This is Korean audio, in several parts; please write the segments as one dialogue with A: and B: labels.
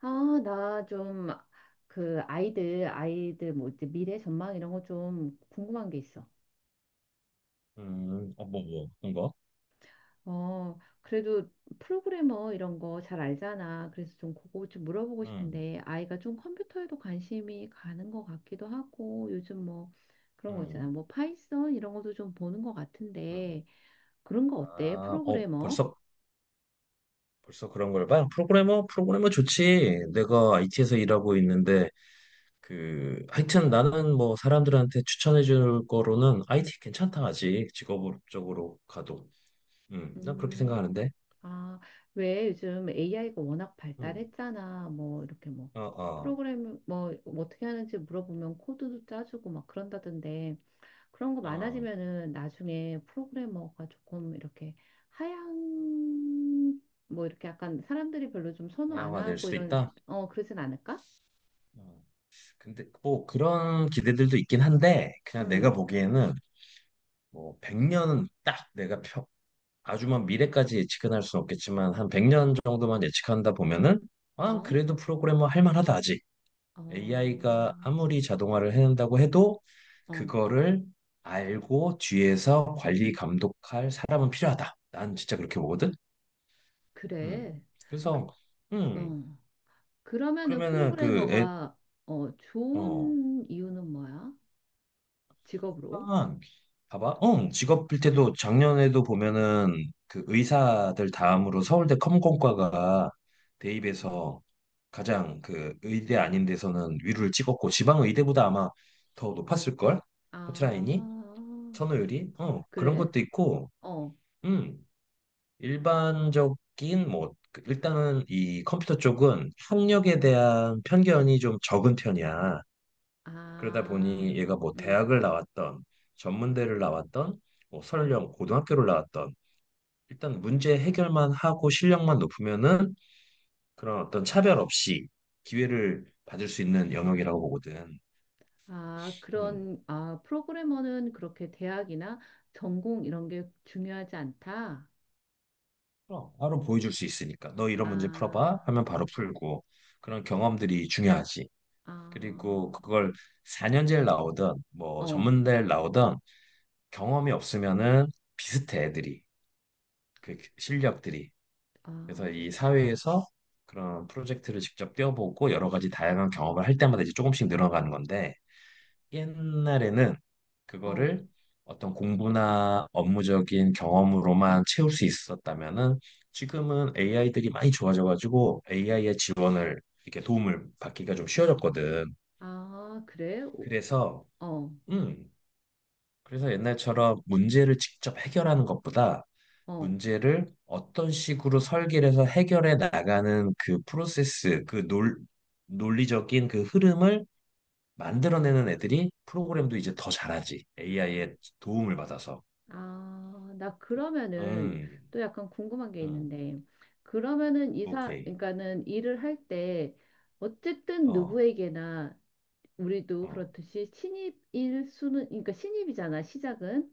A: 나 좀 그 아이들 뭐 이제 미래 전망 이런 거 좀 궁금한 게 있어.
B: 뭐, 그런 거?
A: 어, 그래도 프로그래머 이런 거 잘 알잖아. 그래서 좀 그거 좀 물어보고
B: 음,
A: 싶은데 아이가 좀 컴퓨터에도 관심이 가는 것 같기도 하고 요즘 뭐 그런 거 있잖아.
B: 음,
A: 뭐 파이썬 이런 것도 좀 보는 것
B: 음.
A: 같은데 그런 거 어때?
B: 아,
A: 프로그래머?
B: 벌써 그런 걸 봐? 프로그래머, 프로그래머 좋지. 내가 IT에서 일하고 있는데, 하여튼 나는 뭐 사람들한테 추천해 줄 거로는 IT 괜찮다 하지. 직업적으로 가도. 난 그렇게
A: 음.
B: 생각하는데.
A: 아, 왜 요즘 AI가 워낙
B: 음,
A: 발달했잖아. 뭐 이렇게 뭐
B: 어, 어,
A: 프로그램 뭐 어떻게 하는지 물어보면 코드도 짜주고 막 그런다던데 그런 거
B: 어,
A: 많아지면은 나중에 프로그래머가 조금 이렇게 하향 뭐 이렇게 약간 사람들이 별로 좀 선호 안
B: 다양화될
A: 하고
B: 수도
A: 이런
B: 있다.
A: 어 그러진 않을까?
B: 어. 근데 뭐 그런 기대들도 있긴 한데, 그냥
A: 응.
B: 내가 보기에는 뭐 100년은 딱 내가 아주 막 미래까지 예측은 할 수는 없겠지만 한 100년 정도만 예측한다 보면은 아
A: 어?
B: 그래도 프로그래머 할 만하다 아직.
A: 어.
B: AI가 아무리 자동화를 해낸다고 해도
A: 어.
B: 그거를 알고 뒤에서 관리 감독할 사람은 필요하다. 난 진짜 그렇게 보거든. 음
A: 그래.
B: 그래서.
A: 그,
B: 음
A: 어. 그러면은
B: 그러면은 그 애,
A: 프로그래머가 어
B: 어
A: 좋은 이유는 뭐야? 직업으로.
B: 일단 봐봐. 응, 직업 필태도 작년에도 보면은 그 의사들 다음으로 서울대 컴공과가 대입해서 가장 그 의대 아닌 데서는 위로를 찍었고 지방 의대보다 아마 더 높았을 걸?
A: 아,
B: 포트라인이 선호율이 그런
A: 그래?
B: 것도 있고.
A: 어.
B: 음 일반적인 뭐그 일단은 이 컴퓨터 쪽은 학력에 대한 편견이 좀 적은 편이야. 그러다
A: 아,
B: 보니 얘가 뭐
A: 음.
B: 대학을 나왔던 전문대를 나왔던 뭐 설령 고등학교를 나왔던 일단 문제 해결만 하고 실력만 높으면은 그런 어떤 차별 없이 기회를 받을 수 있는 영역이라고 보거든. 음.
A: 프로그래머는 그렇게 대학이나 전공 이런 게 중요하지 않다.
B: 어, 바로 보여줄 수 있으니까 너 이런 문제
A: 아,
B: 풀어봐 하면 바로 풀고 그런 경험들이 중요하지.
A: 아,
B: 그리고 그걸 4년제 를 나오든 뭐
A: 어,
B: 전문대를 나오든 경험이 없으면은 비슷해 애들이 그 실력들이.
A: 아,
B: 그래서 이 사회에서 그런 프로젝트를 직접 뛰어보고 여러 가지 다양한 경험을 할 때마다 이제 조금씩 늘어가는 건데 옛날에는
A: 어,
B: 그거를 어떤 공부나 업무적인 경험으로만 채울 수 있었다면은 지금은 AI들이 많이 좋아져가지고 AI의 지원을 이렇게 도움을 받기가 좀 쉬워졌거든.
A: 아, 그래? 오,
B: 그래서
A: 어,
B: 음 그래서 옛날처럼 문제를 직접 해결하는 것보다
A: 어.
B: 문제를 어떤 식으로 설계를 해서 해결해 나가는 그 프로세스, 그 논리적인 그 흐름을 만들어내는 애들이 프로그램도 이제 더 잘하지. AI의 도움을 받아서.
A: 나
B: 그-
A: 그러면은
B: 음,
A: 또 약간 궁금한 게
B: 음,
A: 있는데,
B: 오케이.
A: 그러니까는 일을 할 때 어쨌든
B: 어,
A: 누구에게나 우리도
B: 어,
A: 그렇듯이 신입일 수는, 그러니까 신입이잖아, 시작은.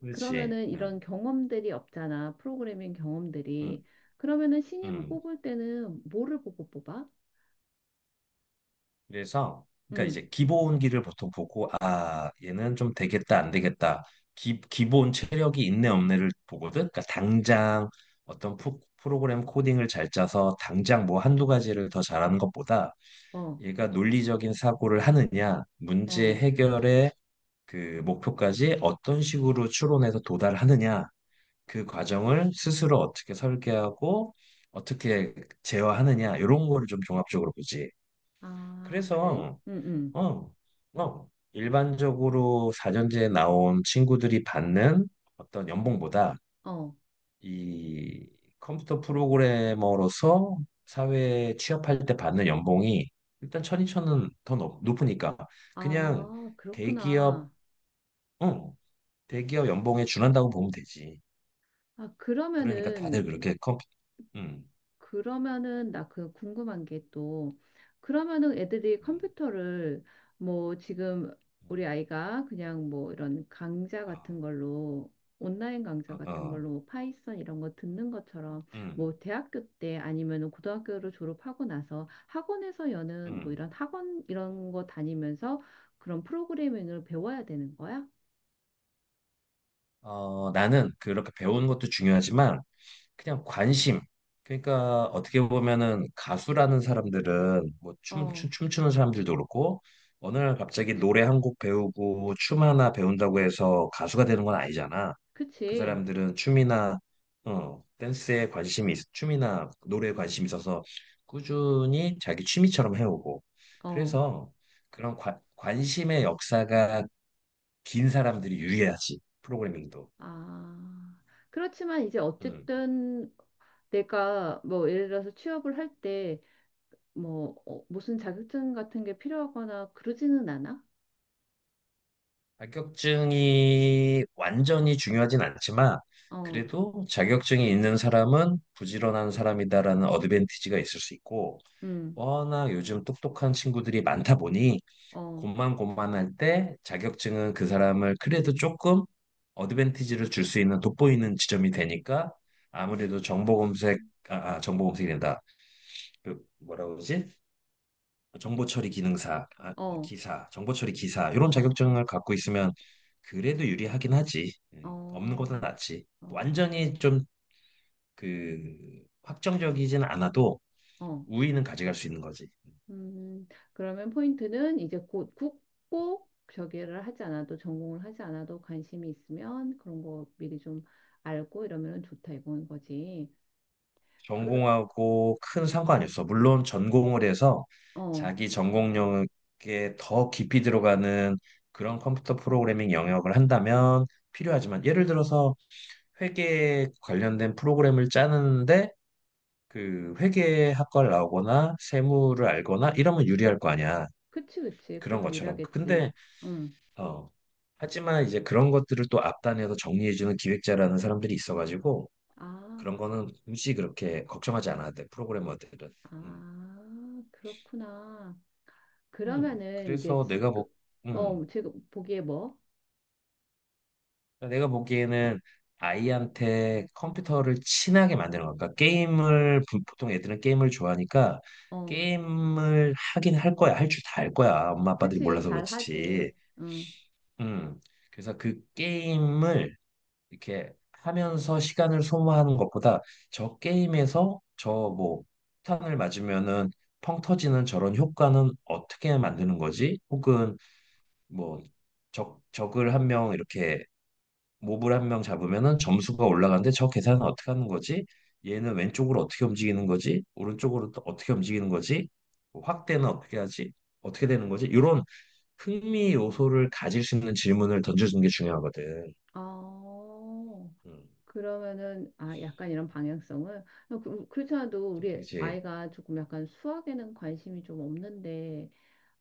B: 그렇지.
A: 그러면은 이런 경험들이 없잖아, 프로그래밍 경험들이.
B: 음,
A: 그러면은 신입을
B: 음.
A: 뽑을 때는 뭐를 보고 뽑아?
B: 그래서 그러니까
A: 응,
B: 이제 기본기를 보통 보고 아 얘는 좀 되겠다 안 되겠다 기본 체력이 있네 없네를 보거든. 그러니까 당장 어떤 프로그램 코딩을 잘 짜서 당장 뭐 한두 가지를 더 잘하는 것보다
A: 어,
B: 얘가 논리적인 사고를 하느냐 문제
A: 어.
B: 해결의 그 목표까지 어떤 식으로 추론해서 도달하느냐 그 과정을 스스로 어떻게 설계하고 어떻게 제어하느냐 이런 거를 좀 종합적으로 보지.
A: 아, 그래?
B: 그래서
A: 응,
B: 어, 어. 일반적으로 사전제에 나온 친구들이 받는 어떤 연봉보다
A: 응. 어.
B: 이 컴퓨터 프로그래머로서 사회에 취업할 때 받는 연봉이 일단 천이천은 더 높으니까 그냥
A: 아, 그렇구나.
B: 대기업, 응, 대기업 연봉에 준한다고 보면 되지. 그러니까 다들
A: 그러면은
B: 그렇게 컴퓨터, 응,
A: 그러면은 나 그 궁금한 게 또 그러면은 애들이
B: 응,
A: 컴퓨터를 뭐 지금
B: 응,
A: 우리 아이가 그냥 뭐 이런 강좌
B: 어,
A: 같은 걸로 온라인 강좌
B: 어,
A: 같은
B: 어,
A: 걸로 뭐 파이썬 이런 거 듣는 것처럼
B: 응,
A: 뭐 대학교 때 아니면은 고등학교를 졸업하고 나서 학원에서 여는 뭐
B: 응.
A: 이런 학원 이런 거 다니면서 그런 프로그래밍을 배워야 되는 거야?
B: 어, 나는 그렇게 배우는 것도 중요하지만 그냥 관심. 그러니까 어떻게 보면은 가수라는 사람들은 뭐 춤, 춤,
A: 어,
B: 춤추는 사람들도 그렇고 어느 날 갑자기 노래 한 곡 배우고 춤 하나 배운다고 해서 가수가 되는 건 아니잖아. 그
A: 그치.
B: 사람들은 춤이나 춤이나 노래에 관심이 있어서 꾸준히 자기 취미처럼 해오고
A: 어,
B: 그래서 그런 관심의 역사가 긴 사람들이 유리하지 프로그래밍도.
A: 아. 그렇지만 이제
B: 음.
A: 어쨌든 내가 뭐 예를 들어서 취업을 할 때뭐 어, 무슨 자격증 같은 게 필요하거나 그러지는 않아?
B: 자격증이 완전히 중요하진 않지만
A: 어,
B: 그래도 자격증이 있는 사람은 부지런한 사람이다라는 어드밴티지가 있을 수 있고
A: 음,
B: 워낙 요즘 똑똑한 친구들이 많다 보니
A: 어,
B: 고만고만할 때 자격증은 그 사람을 그래도 조금 어드밴티지를 줄 수 있는 돋보이는 지점이 되니까 아무래도
A: 음,
B: 정보 검색
A: 음.
B: 아, 정보 검색이 된다. 그 뭐라고 그러지? 정보 처리 기능사, 아,
A: 어,
B: 정보 처리 기사 이런 자격증을 갖고 있으면 그래도 유리하긴 하지. 예, 없는 것보다
A: 어,
B: 낫지.
A: 어,
B: 완전히 좀 그 확정적이진 않아도
A: 어.
B: 우위는 가져갈 수 있는 거지.
A: 음, 그러면 포인트는 이제 곧 굳고 저기를 하지 않아도 전공을 하지 않아도 관심이 있으면 그런 거 미리 좀 알고 이러면 좋다 이건 거지. 그,
B: 전공하고 큰 상관이 없어. 물론 전공을 해서
A: 어,
B: 자기 전공 영역에 더 깊이 들어가는 그런 컴퓨터 프로그래밍 영역을 한다면 필요하지만 예를 들어서 회계 관련된 프로그램을 짜는데 그 회계 학과를 나오거나 세무를 알거나 이러면 유리할 거 아니야.
A: 그치, 그치.
B: 그런
A: 그러면
B: 것처럼.
A: 유리하겠지.
B: 근데
A: 음,
B: 어. 하지만 이제 그런 것들을 또 앞단에서 정리해주는 기획자라는 사람들이 있어가지고
A: 아.
B: 그런 거는 굳이 그렇게 걱정하지 않아도 돼, 프로그래머들은. 음.
A: 아, 그렇구나. 그러면은 이제
B: 그래서
A: 지금 어
B: 음,
A: 지금 보기에 뭐?
B: 내가 보기에는 아이한테 컴퓨터를 친하게 만드는 거니까 게임을 보통 애들은 게임을 좋아하니까
A: 어,
B: 게임을 하긴 할 거야, 할 줄 다 알 거야. 엄마 아빠들이
A: 그치
B: 몰라서
A: 잘하지.
B: 그렇지.
A: 응.
B: 음, 그래서 그 게임을 이렇게 하면서 시간을 소모하는 것보다 저 게임에서 저뭐 폭탄을 맞으면은 펑 터지는 저런 효과는 어떻게 만드는 거지? 혹은 뭐 적을 한 명 이렇게 몹을 한 명 잡으면은 점수가 올라가는데 저 계산은 어떻게 하는 거지? 얘는 왼쪽으로 어떻게 움직이는 거지? 오른쪽으로 또 어떻게 움직이는 거지? 뭐 확대는 어떻게 하지? 어떻게 되는 거지? 이런 흥미 요소를 가질 수 있는 질문을 던져주는 게 중요하거든.
A: 어,
B: 음,
A: 그러면은 아 약간 이런 방향성을 그렇지 않아도 우리
B: 그치.
A: 아이가 조금 약간 수학에는 관심이 좀 없는데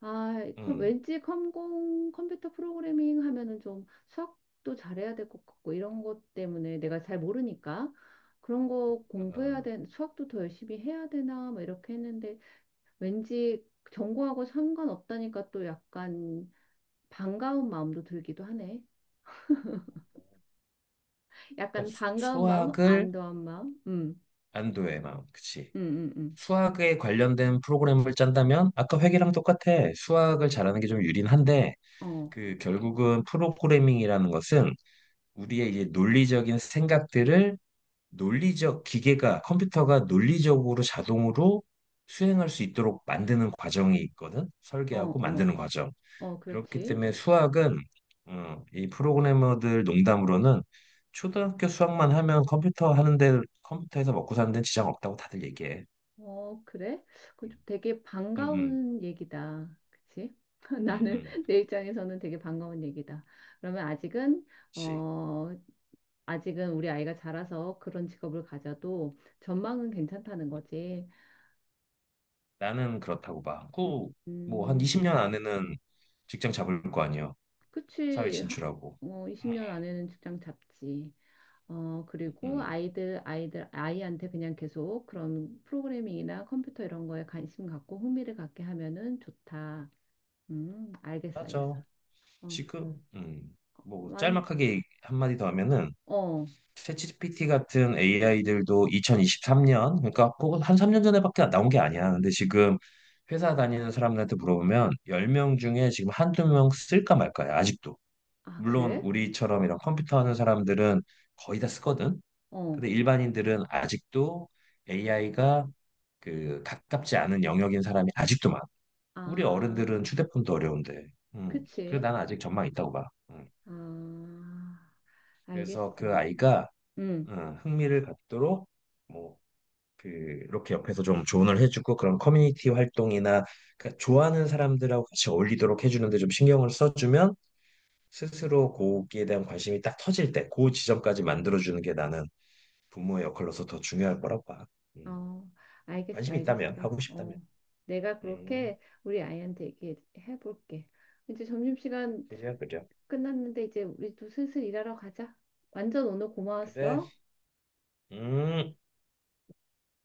A: 아, 왠지 컴공 컴퓨터 프로그래밍 하면은 좀 수학도 잘해야 될 것 같고 이런 것 때문에 내가 잘 모르니까 그런 거 공부해야
B: 어,
A: 되 수학도 더 열심히 해야 되나 뭐 이렇게 했는데 왠지 전공하고 상관없다니까 또 약간 반가운 마음도 들기도 하네. 약간
B: 그러니까 수-
A: 반가운 마음,
B: 수학을
A: 안도한 마음.
B: 안도의 마음, 그치?
A: 음, 음, 음.
B: 수학에 관련된 프로그램을 짠다면 아까 회계랑 똑같아. 수학을 잘하는 게 좀 유린한데
A: 어,
B: 그 결국은 프로그래밍이라는 것은 우리의 이제 논리적인 생각들을 논리적 기계가 컴퓨터가 논리적으로 자동으로 수행할 수 있도록 만드는 과정이 있거든. 설계하고
A: 어, 어,
B: 만드는 과정.
A: 어,
B: 그렇기
A: 그렇지.
B: 때문에 수학은 어, 이 프로그래머들 농담으로는 초등학교 수학만 하면 컴퓨터 하는데 컴퓨터에서 먹고 사는 데 지장 없다고 다들 얘기해.
A: 어, 그래? 그건 좀 되게
B: 응응
A: 반가운 얘기다. 그치?
B: 응응.
A: 나는 내 입장에서는 되게 반가운 얘기다. 그러면 아직은,
B: 그
A: 어, 아직은 우리 아이가 자라서 그런 직업을 가져도 전망은 괜찮다는 거지.
B: 나는 그렇다고 봐. 꼭뭐한
A: 음,
B: 20년 안에는 직장 잡을 거 아니야. 사회
A: 그치. 하-
B: 진출하고.
A: 어, 20년 안에는 직장 잡지. 어,
B: 음,
A: 그리고
B: 음.
A: 아이한테 그냥 계속 그런 프로그래밍이나 컴퓨터 이런 거에 관심 갖고 흥미를 갖게 하면은 좋다. 알겠어, 알겠어.
B: 맞아.
A: 어,
B: 지금, 뭐,
A: 완,
B: 짤막하게 한마디 더 하면은,
A: 어,
B: 챗GPT 같은 AI들도 2023년, 그러니까 그거 한 3년 전에밖에 안 나온 게 아니야. 근데 지금 회사 다니는 사람들한테 물어보면 10명 중에 지금 한두 명 쓸까 말까야, 아직도.
A: 아,
B: 물론
A: 그래?
B: 우리처럼 이런 컴퓨터 하는 사람들은 거의 다 쓰거든.
A: 어,
B: 근데 일반인들은 아직도 AI가 그 가깝지 않은 영역인 사람이 아직도 많아.
A: 아,
B: 우리 어른들은 휴대폰도 어려운데. 음. 그래서
A: 그치.
B: 난 아직 전망 있다고 봐. 음.
A: 아,
B: 그래서 그
A: 알겠어.
B: 아이가
A: 응,
B: 흥미를 갖도록 뭐 그 이렇게 옆에서 좀 조언을 해주고 그런 커뮤니티 활동이나 그 좋아하는 사람들하고 같이 어울리도록 해주는데 좀 신경을 써주면 스스로 거기에 대한 관심이 딱 터질 때 그 지점까지 만들어주는 게 나는 부모의 역할로서 더 중요할 거라고 봐. 음.
A: 어, 알겠어,
B: 관심 이 있다면
A: 알겠어.
B: 하고 싶다면.
A: 어, 내가
B: 음.
A: 그렇게 우리 아이한테 얘기해 볼게. 이제 점심시간
B: 그래요, 그래요.
A: 끝났는데 이제 우리도 슬슬 일하러 가자. 완전 오늘
B: 그래.
A: 고마웠어.
B: 음.